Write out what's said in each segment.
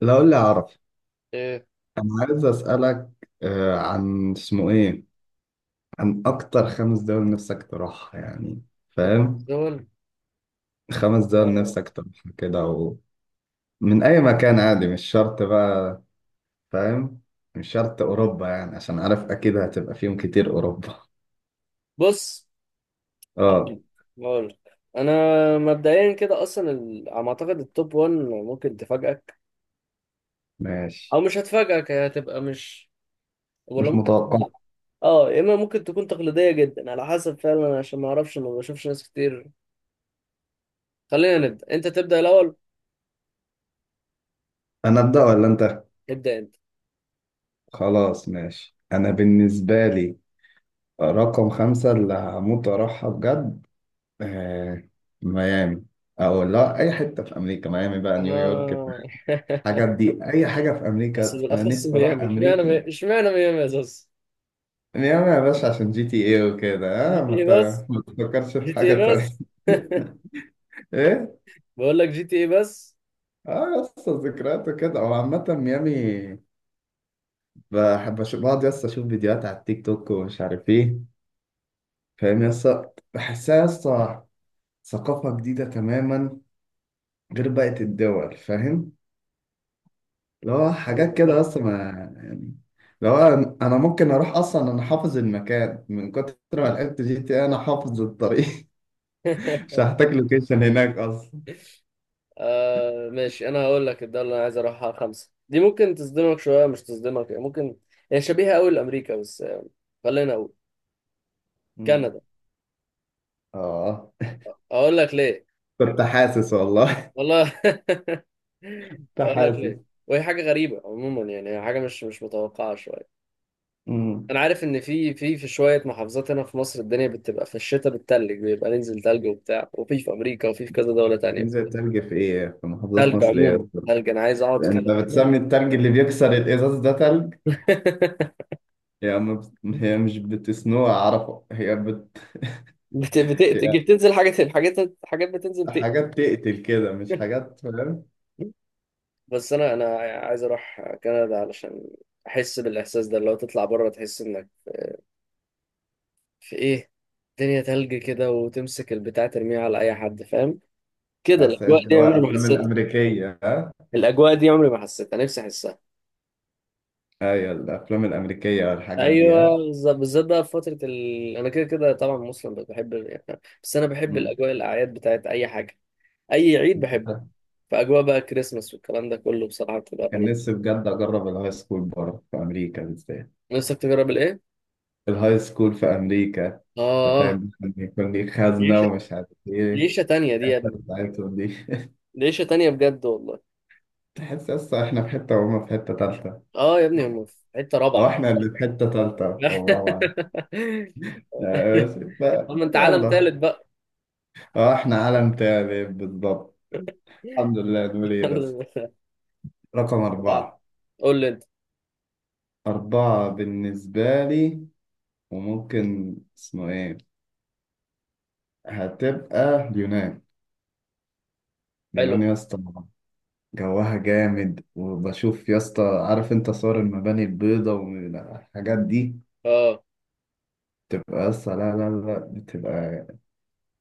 لا قول لي اعرف. إيه، انا عايز اسالك، عن اسمه ايه. عن اكتر خمس دول نفسك تروحها يعني، فاهم؟ ترابيزون. خمس دول آه، نفسك تروحها كده و... من اي مكان عادي، مش شرط بقى، فاهم، مش شرط اوروبا يعني، عشان عارف اكيد هتبقى فيهم كتير اوروبا. بص. اه، هقول هقول. انا. مبدئيا كده اصلا على ما اعتقد التوب 1 ممكن تفاجئك، ماشي، او مش هتفاجئك. هي هتبقى مش، ولا مش ممكن متوقع. تكون، اه، يا اما ممكن تكون تقليديه جدا على حسب فعلا، عشان ما اعرفش، ما بشوفش ناس كتير. خلينا نبدا، انت تبدا الاول. انا ابدا ولا انت؟ ابدا انت. خلاص ماشي. انا بالنسبه لي رقم خمسة اللي هموت واروحها بجد، آه، ميامي. او لا، اي حته في امريكا، ميامي بقى، نيويورك، آه. الحاجات دي، اي حاجه في بس امريكا، انا بالاخص نفسي اروح ميامي، امريكا. اشمعنى ميامي يا زوز؟ ميامي يا باشا عشان جي تي اي وكده. جي اه تي اي بس؟ ما تفكرش في جي تي حاجه اي تانية. بس. ايه. بقول لك جي تي اي بس. اه، يس، ذكريات وكده. هو عامه ميامي بحب اشوف، بقعد يس اشوف فيديوهات على التيك توك ومش عارف ايه، فاهم، يس، بحسها يس ثقافه جديده تماما، غير بقيه الدول، فاهم، اللي هو حاجات ايوه كده فاهم. بس ما، يعني. لو انا ممكن اروح اصلا، انا حافظ المكان من كتر ما لعبت جي تي إيه، انا حافظ الطريق. مش هحتاج لوكيشن هناك اصلا. آه ماشي، انا هقول لك الدوله اللي انا عايز اروحها خمسه دي ممكن تصدمك شويه، مش تصدمك يعني، ممكن. هي شبيهه قوي لامريكا بس، خلينا اقول امم، كندا. اه، اقول لك ليه. كنت حاسس والله، والله كنت اقول لك حاسس. ليه. وهي حاجه غريبه عموما يعني، هي حاجه مش متوقعه شويه. امم، انا عارف ان في شويه محافظات هنا في مصر الدنيا بتبقى في الشتاء بتتلج، بيبقى ننزل تلج وبتاع، وفي امريكا، وفي كذا دوله تانية تنزل بتبقى تلج في ايه؟ في محافظات تلج. مصر ايه عموما أصلاً؟ تلج، انا عايز اقعد انت كده. بتسمي التلج اللي بيكسر الازاز ده تلج؟ هي ما بت... هي مش بتسنوه اعرفه، هي بت... هي تيجي بتنزل حاجات، حاجات بتنزل تقل. حاجات تقتل كده، مش حاجات، فاهم. بس انا عايز اروح كندا علشان احس بالاحساس ده. لو تطلع بره تحس انك في ايه، الدنيا تلج كده، وتمسك البتاع ترميها على اي حد فاهم؟ كده بس الاجواء دي جوا عمري ما افلام حسيتها. الامريكيه. الاجواء دي عمري ما حسيتها، نفسي احسها. ايوه الافلام الامريكيه والحاجات دي، ايوه ها؟ بالظبط، بالذات بقى في انا كده كده طبعا مسلم، بس بحب يعني، بس انا بحب مم. الاجواء، الاعياد بتاعت اي حاجه، اي عيد انت بحبه. عارف، فاجواء بقى كريسماس والكلام ده كله بصراحه بتبقى كان رهيبه. نفسي بجد اجرب الهاي سكول بره في امريكا بالذات. نفسك تجرب الايه؟ الهاي سكول في امريكا. انت اه. فاهم، ممكن يكون ليك خزنه ليشة؟ ومش عارف ايه. ليشة تانية دي يا الحتة ابني؟ بتاعتهم دي. ليشة تانية بجد والله. تحس اصلا احنا في حته وهم في حته تالته، اه يا ابني هم في حتة او رابعة. احنا اللي في حته تالته او رابعه، يعني. بس طب ما انت عالم يلا. تالت بقى. اه، احنا عالم تاني بالضبط، الحمد لله، نقول ايه بس. رقم رابعة. اربعه. قول لي انت. اربعه بالنسبه لي وممكن اسمه ايه، هتبقى اليونان. حلو. اليونان يا اسطى، جوها جامد. وبشوف يا اسطى، عارف انت، صور المباني البيضاء والحاجات دي، اه تبقى يا اسطى لا بتبقى،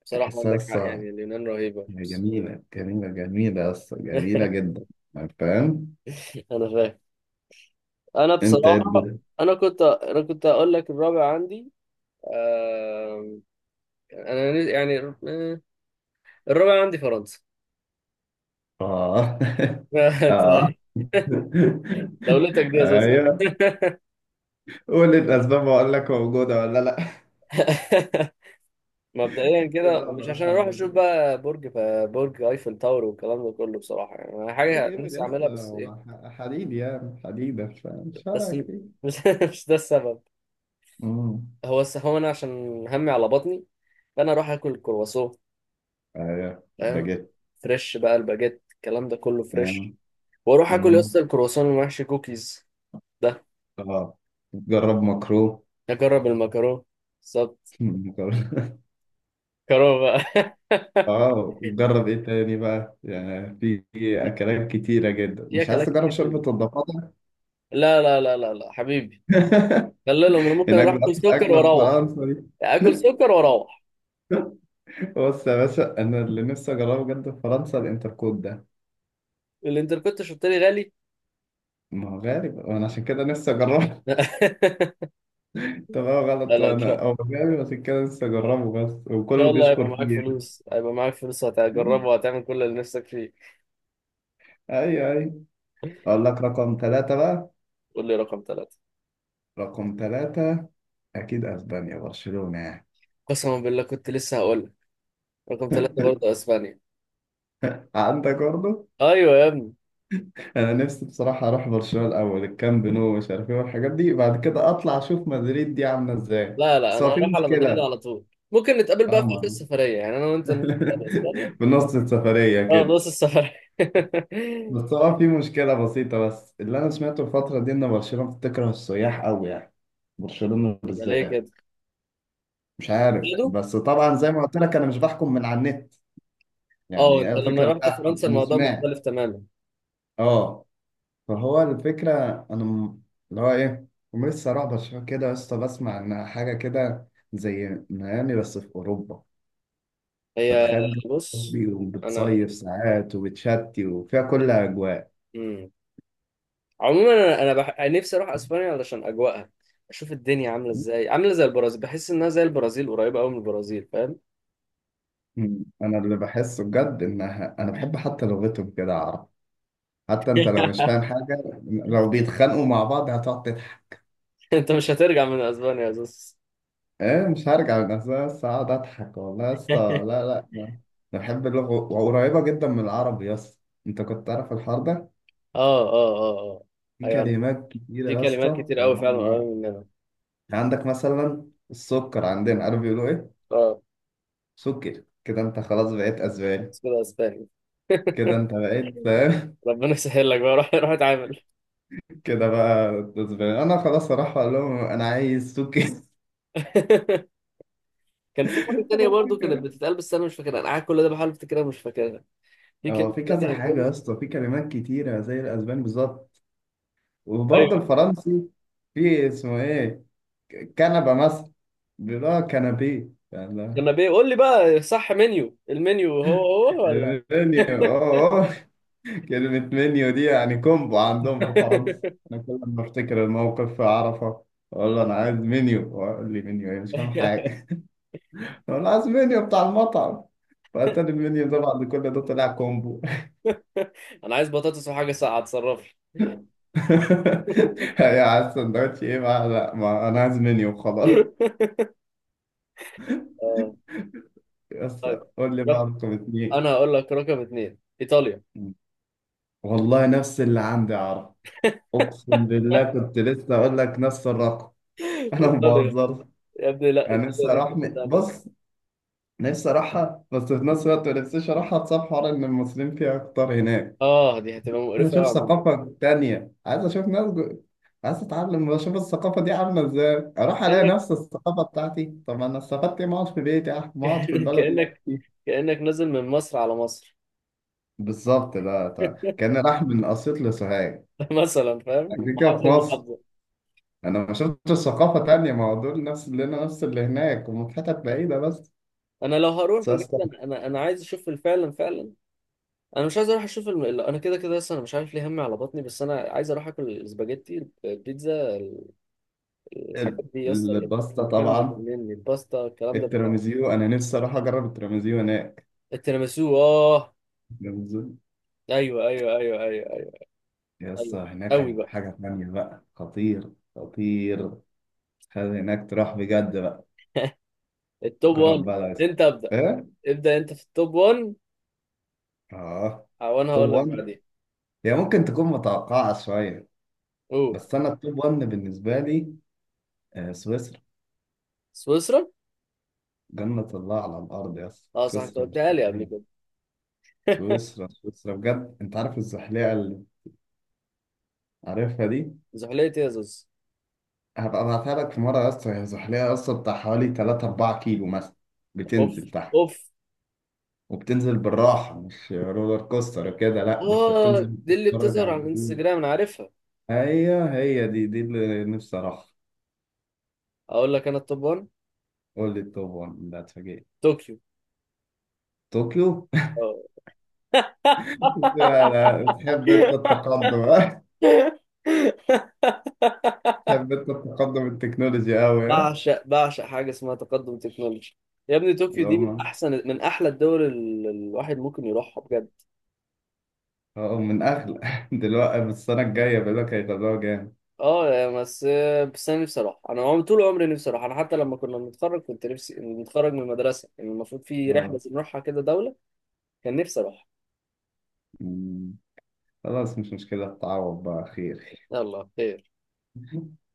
بصراحة تحسها يا عندك حق اسطى، يعني، اليونان رهيبة بس. جميلة جميلة جميلة يا اسطى، جميلة جدا، فاهم. انا فاهم. انا انت إيه بصراحة، الدنيا؟ انا كنت اقول لك الرابع عندي. آه... يعني، آه، الرابع عندي فرنسا. اه انت، اه. دولتك دي يا زوز. ايوه، قول الاسباب واقول لك موجودة ولا لا. مبدئيا كده كده مش انا عشان اروح اشوف هحدد. بقى برج، برج ايفل تاور والكلام ده كله بصراحه يعني، انا برج حاجه ايفل نفسي يا اسطى اعملها، بس ايه، هو حديد، يعني حديدة، فمش بس فارقة كتير. مش مش ده السبب. امم، هو انا عشان همي على بطني، فانا اروح اكل الكرواسون ايوه فاهم. باجيت، فريش بقى الباجيت، الكلام ده كله فريش. فاهم، واروح اكل يا اسطى امم، الكرواسون المحشي، كوكيز ده. اه. جرب مكرو. اجرب المكرونه بالظبط. جرب- كرو بقى. اه، جرب ايه تاني بقى، يعني في في اكلات كتيرة جدا. مش عايز اكلات تجرب كتير جدا. شوربة الضفادع؟ لا لا لا لا لا حبيبي، خلي لهم. انا ممكن هناك اروح ده اكل اصلا سكر اكلة في واروح. فرنسا دي؟ اكل سكر واروح. بص يا باشا، انا اللي نفسي اجربه بجد في فرنسا الانتركوت ده. الانتركوت شرطري غالي. ما هو غالي بقى، وانا عشان كده نفسي اجربه. طبعا لا غلط، لا ان شاء انا ان هو جامد عشان كده لسه اجربه بس، شاء وكله الله هيبقى بيشكر معاك فيه يعني. فلوس، هيبقى معاك فلوس وهتجربه وهتعمل كل اللي نفسك فيه. ايوه ايوه. اقول لك رقم ثلاثة بقى. قول لي رقم ثلاثة. رقم ثلاثة، اكيد اسبانيا، برشلونة يعني. قسما بالله كنت لسه هقول لك، رقم ثلاثة برضه اسبانيا. عندك برضه. ايوه يا ابني. انا نفسي بصراحة اروح برشلونة الاول، الكامب نو مش عارف ايه والحاجات دي، بعد كده اطلع اشوف مدريد دي عاملة ازاي. لا لا بس انا هو في هروح على مدريد مشكلة. على طول. ممكن نتقابل بقى في آخر طبعا. السفرية، يعني انا وانت نروح على اسبانيا. في نص السفرية اه كده. نص السفرية. بس هو في مشكلة بسيطة، بس اللي انا سمعته الفترة دي ان برشلونة بتكره السياح قوي يعني، برشلونة ده ليه بالذات. كده مش عارف، كده؟ بس طبعا زي ما قلت لك، انا مش بحكم من على النت، يعني اه هي انت لما الفكره، مش رحت بحكم، فرنسا انا الموضوع سمعت. مختلف تماما. اه، فهو الفكره، انا م- اللي هو ايه، هم لسه رعب شويه كده يا اسطى، بسمع ان حاجه كده زي ميامي بس في اوروبا. هي فتخيل جو بص أوروبي، انا، وبتصيف ساعات وبتشتي وفيها كل اجواء. مم. عموما أنا نفسي اروح اسبانيا علشان اجواءها، اشوف الدنيا عامله ازاي، عامله زي البرازيل، بحس انها زي البرازيل، قريبه قوي من البرازيل فاهم. م. انا اللي بحسه بجد انها، انا بحب حتى لغتهم كده، اعرف، حتى انت لو مش فاهم حاجه، لو بيتخانقوا مع بعض هتقعد. انت مش هترجع من اسبانيا يا زوز. ايه، مش هرجع لنفسها بس، اقعد اضحك والله يا اسطى. لا انا، أنا بحب اللغه وقريبه جدا من العربي يا اسطى. انت كنت تعرف الحوار ده؟ اه اه اه اه. في ايوه انا، كلمات كتيره في يا اسطى كلمات كتير قريبه قوي من فعلا قريبه العربي. مننا. يعني عندك مثلا السكر عندنا، عارف بيقولوا ايه؟ اه. سكر. كده انت خلاص بقيت اسباني. بس كده اسباني. كده انت بقيت فاهم. ربنا يسهل لك بقى، روح اتعامل. كده بقى. اسباني، انا خلاص اروح اقول لهم انا عايز سكر. كان في حاجه تانيه برضو كانت بتتقال بس انا مش فاكرها، انا قاعد كل ده بحاول افتكرها مش فاكرها. في اه، كلمه في كذا تانيه حاجه كده. يا اسطى، في كلمات كتيره زي الاسباني بالظبط. وبرضه ايوه الفرنسي، في اسمه ايه، كنبه مثلا، بيقول اه كنبيه يعني. جنابيه. قول لي بقى صح، منيو، المنيو هو، هو. المنيو، اه اه، كلمة منيو دي يعني كومبو عندهم في فرنسا. أنا كل ما أفتكر الموقف في عرفة، أقول له أنا عايز منيو، وأقول لي منيو إيه، مش فاهم حاجة. أقول له عايز منيو بتاع المطعم، فأتاري المنيو ده بعد كل ده طلع كومبو. انا عايز بطاطس وحاجه ساقعه اتصرف يا عايز سندوتش إيه بقى، لا ما أنا عايز منيو خلاص. لي. آه، يس. طيب. قول لي بقى رق- رقم اتنين. انا هقول لك رقم اثنين ايطاليا. والله نفس اللي عندي يا عرفة. اقسم بالله كنت لسه اقول لك نفس الرقم. انا ما ايطاليا بهزرش. يا ابني، لا انا ايطاليا نفسي دي في اروح حته تانيه. بص، نفسي اروحها، بس في نفس الوقت ما نفسيش اروحها بسبب حوار ان المصريين فيها اكتر هناك. اه دي هتبقى عايز مقرفه قوي اشوف عموما. ثقافة تانية، عايز اشوف ناس جو... عايز اتعلم، اشوف الثقافة دي عاملة ازاي. اروح الاقي كانك نفس الثقافة بتاعتي، طب انا استفدت إيه؟ ما اقعد في بيتي، ما اقعد في البلد اللي أنا كانك فيها. كانك نازل من مصر على مصر. بالظبط. ده كان راح من اسيوط لسوهاج، مثلا فاهم، كان من كده كده محافظه في مصر. لمحافظه. انا ما شفتش ثقافه تانية، ما هو دول نفس اللي هنا، نفس اللي هناك، ومن حتت بعيده بس. انا لو هروح بجد، بس انا عايز اشوف فعلا فعلا. انا مش عايز اروح اشوف انا كده كده لسه انا مش عارف ليه، همي على بطني. بس انا عايز اروح اكل الاسباجيتي، البيتزا، الحاجات دي يا اسطى اللي الباستا بتتكلم طبعا. بتجنني، الباستا الكلام ده بتكلم. التراميزيو، انا نفسي اروح اجرب التراميزيو هناك. التيراميسو اه. التراميزيو ايوه ايوه ايوه ايوه ايوه يا اسطى، ايوه هناك قوي هيبقى بقى. حاجه تانية بقى، خطير خطير. خلي هناك تروح بجد بقى. التوب جرب 1. بقى، لازم. انت ابدا. ايه. ابدا انت في التوب 1، اه. وانا توب هقول لك 1، بعدين. هي ممكن تكون متوقعه شويه، اوه، بس انا التوب 1 بالنسبه لي، سويسرا. سويسرا. جنه الله على الارض يا اسطى، اه صح انت سويسرا مش قلتها لي قبل كده. طبيعيه. سويسرا سويسرا بجد. انت عارف الزحليقه اللي عارفها دي؟ زحلية يا زوز. هبقى ابعتها لك في مره يا اسطى. هي زحليقه يا اسطى بتاع حوالي 3 4 كيلو مثلا، اوف. بتنزل تحت، اوف. وبتنزل بالراحه، مش رولر كوستر كده، لا ده انت بتنزل اه دي اللي بتتفرج بتظهر على على الجبال. الانستجرام، انا عارفها. هي دي اللي نفسي اروحها. اقول لك انا التوب 1، قول لي التوب، ده اتفاجئت. طوكيو. طوكيو. آه. لا لا، تحب انت التقدم ها؟ تحب انت التقدم التكنولوجي قوي ها. بعشق، حاجه اسمها تقدم تكنولوجي. يا ابني طوكيو اللي دي من هم، احسن، من احلى الدول الواحد ممكن يروحها بجد. اه، من اغلى دلوقتي، بس السنه الجايه بيقول لك هيغلوها جامد. اه يا بس، بس انا نفسي اروح، طول عمري نفسي اروح. انا حتى لما كنا بنتخرج، كنت نفسي نتخرج من المدرسه، يعني المفروض في رحله اه. نروحها كده دوله، كان نفسي اروح. مم. خلاص مش مشكلة، تعوض بقى، خير. يلا خير.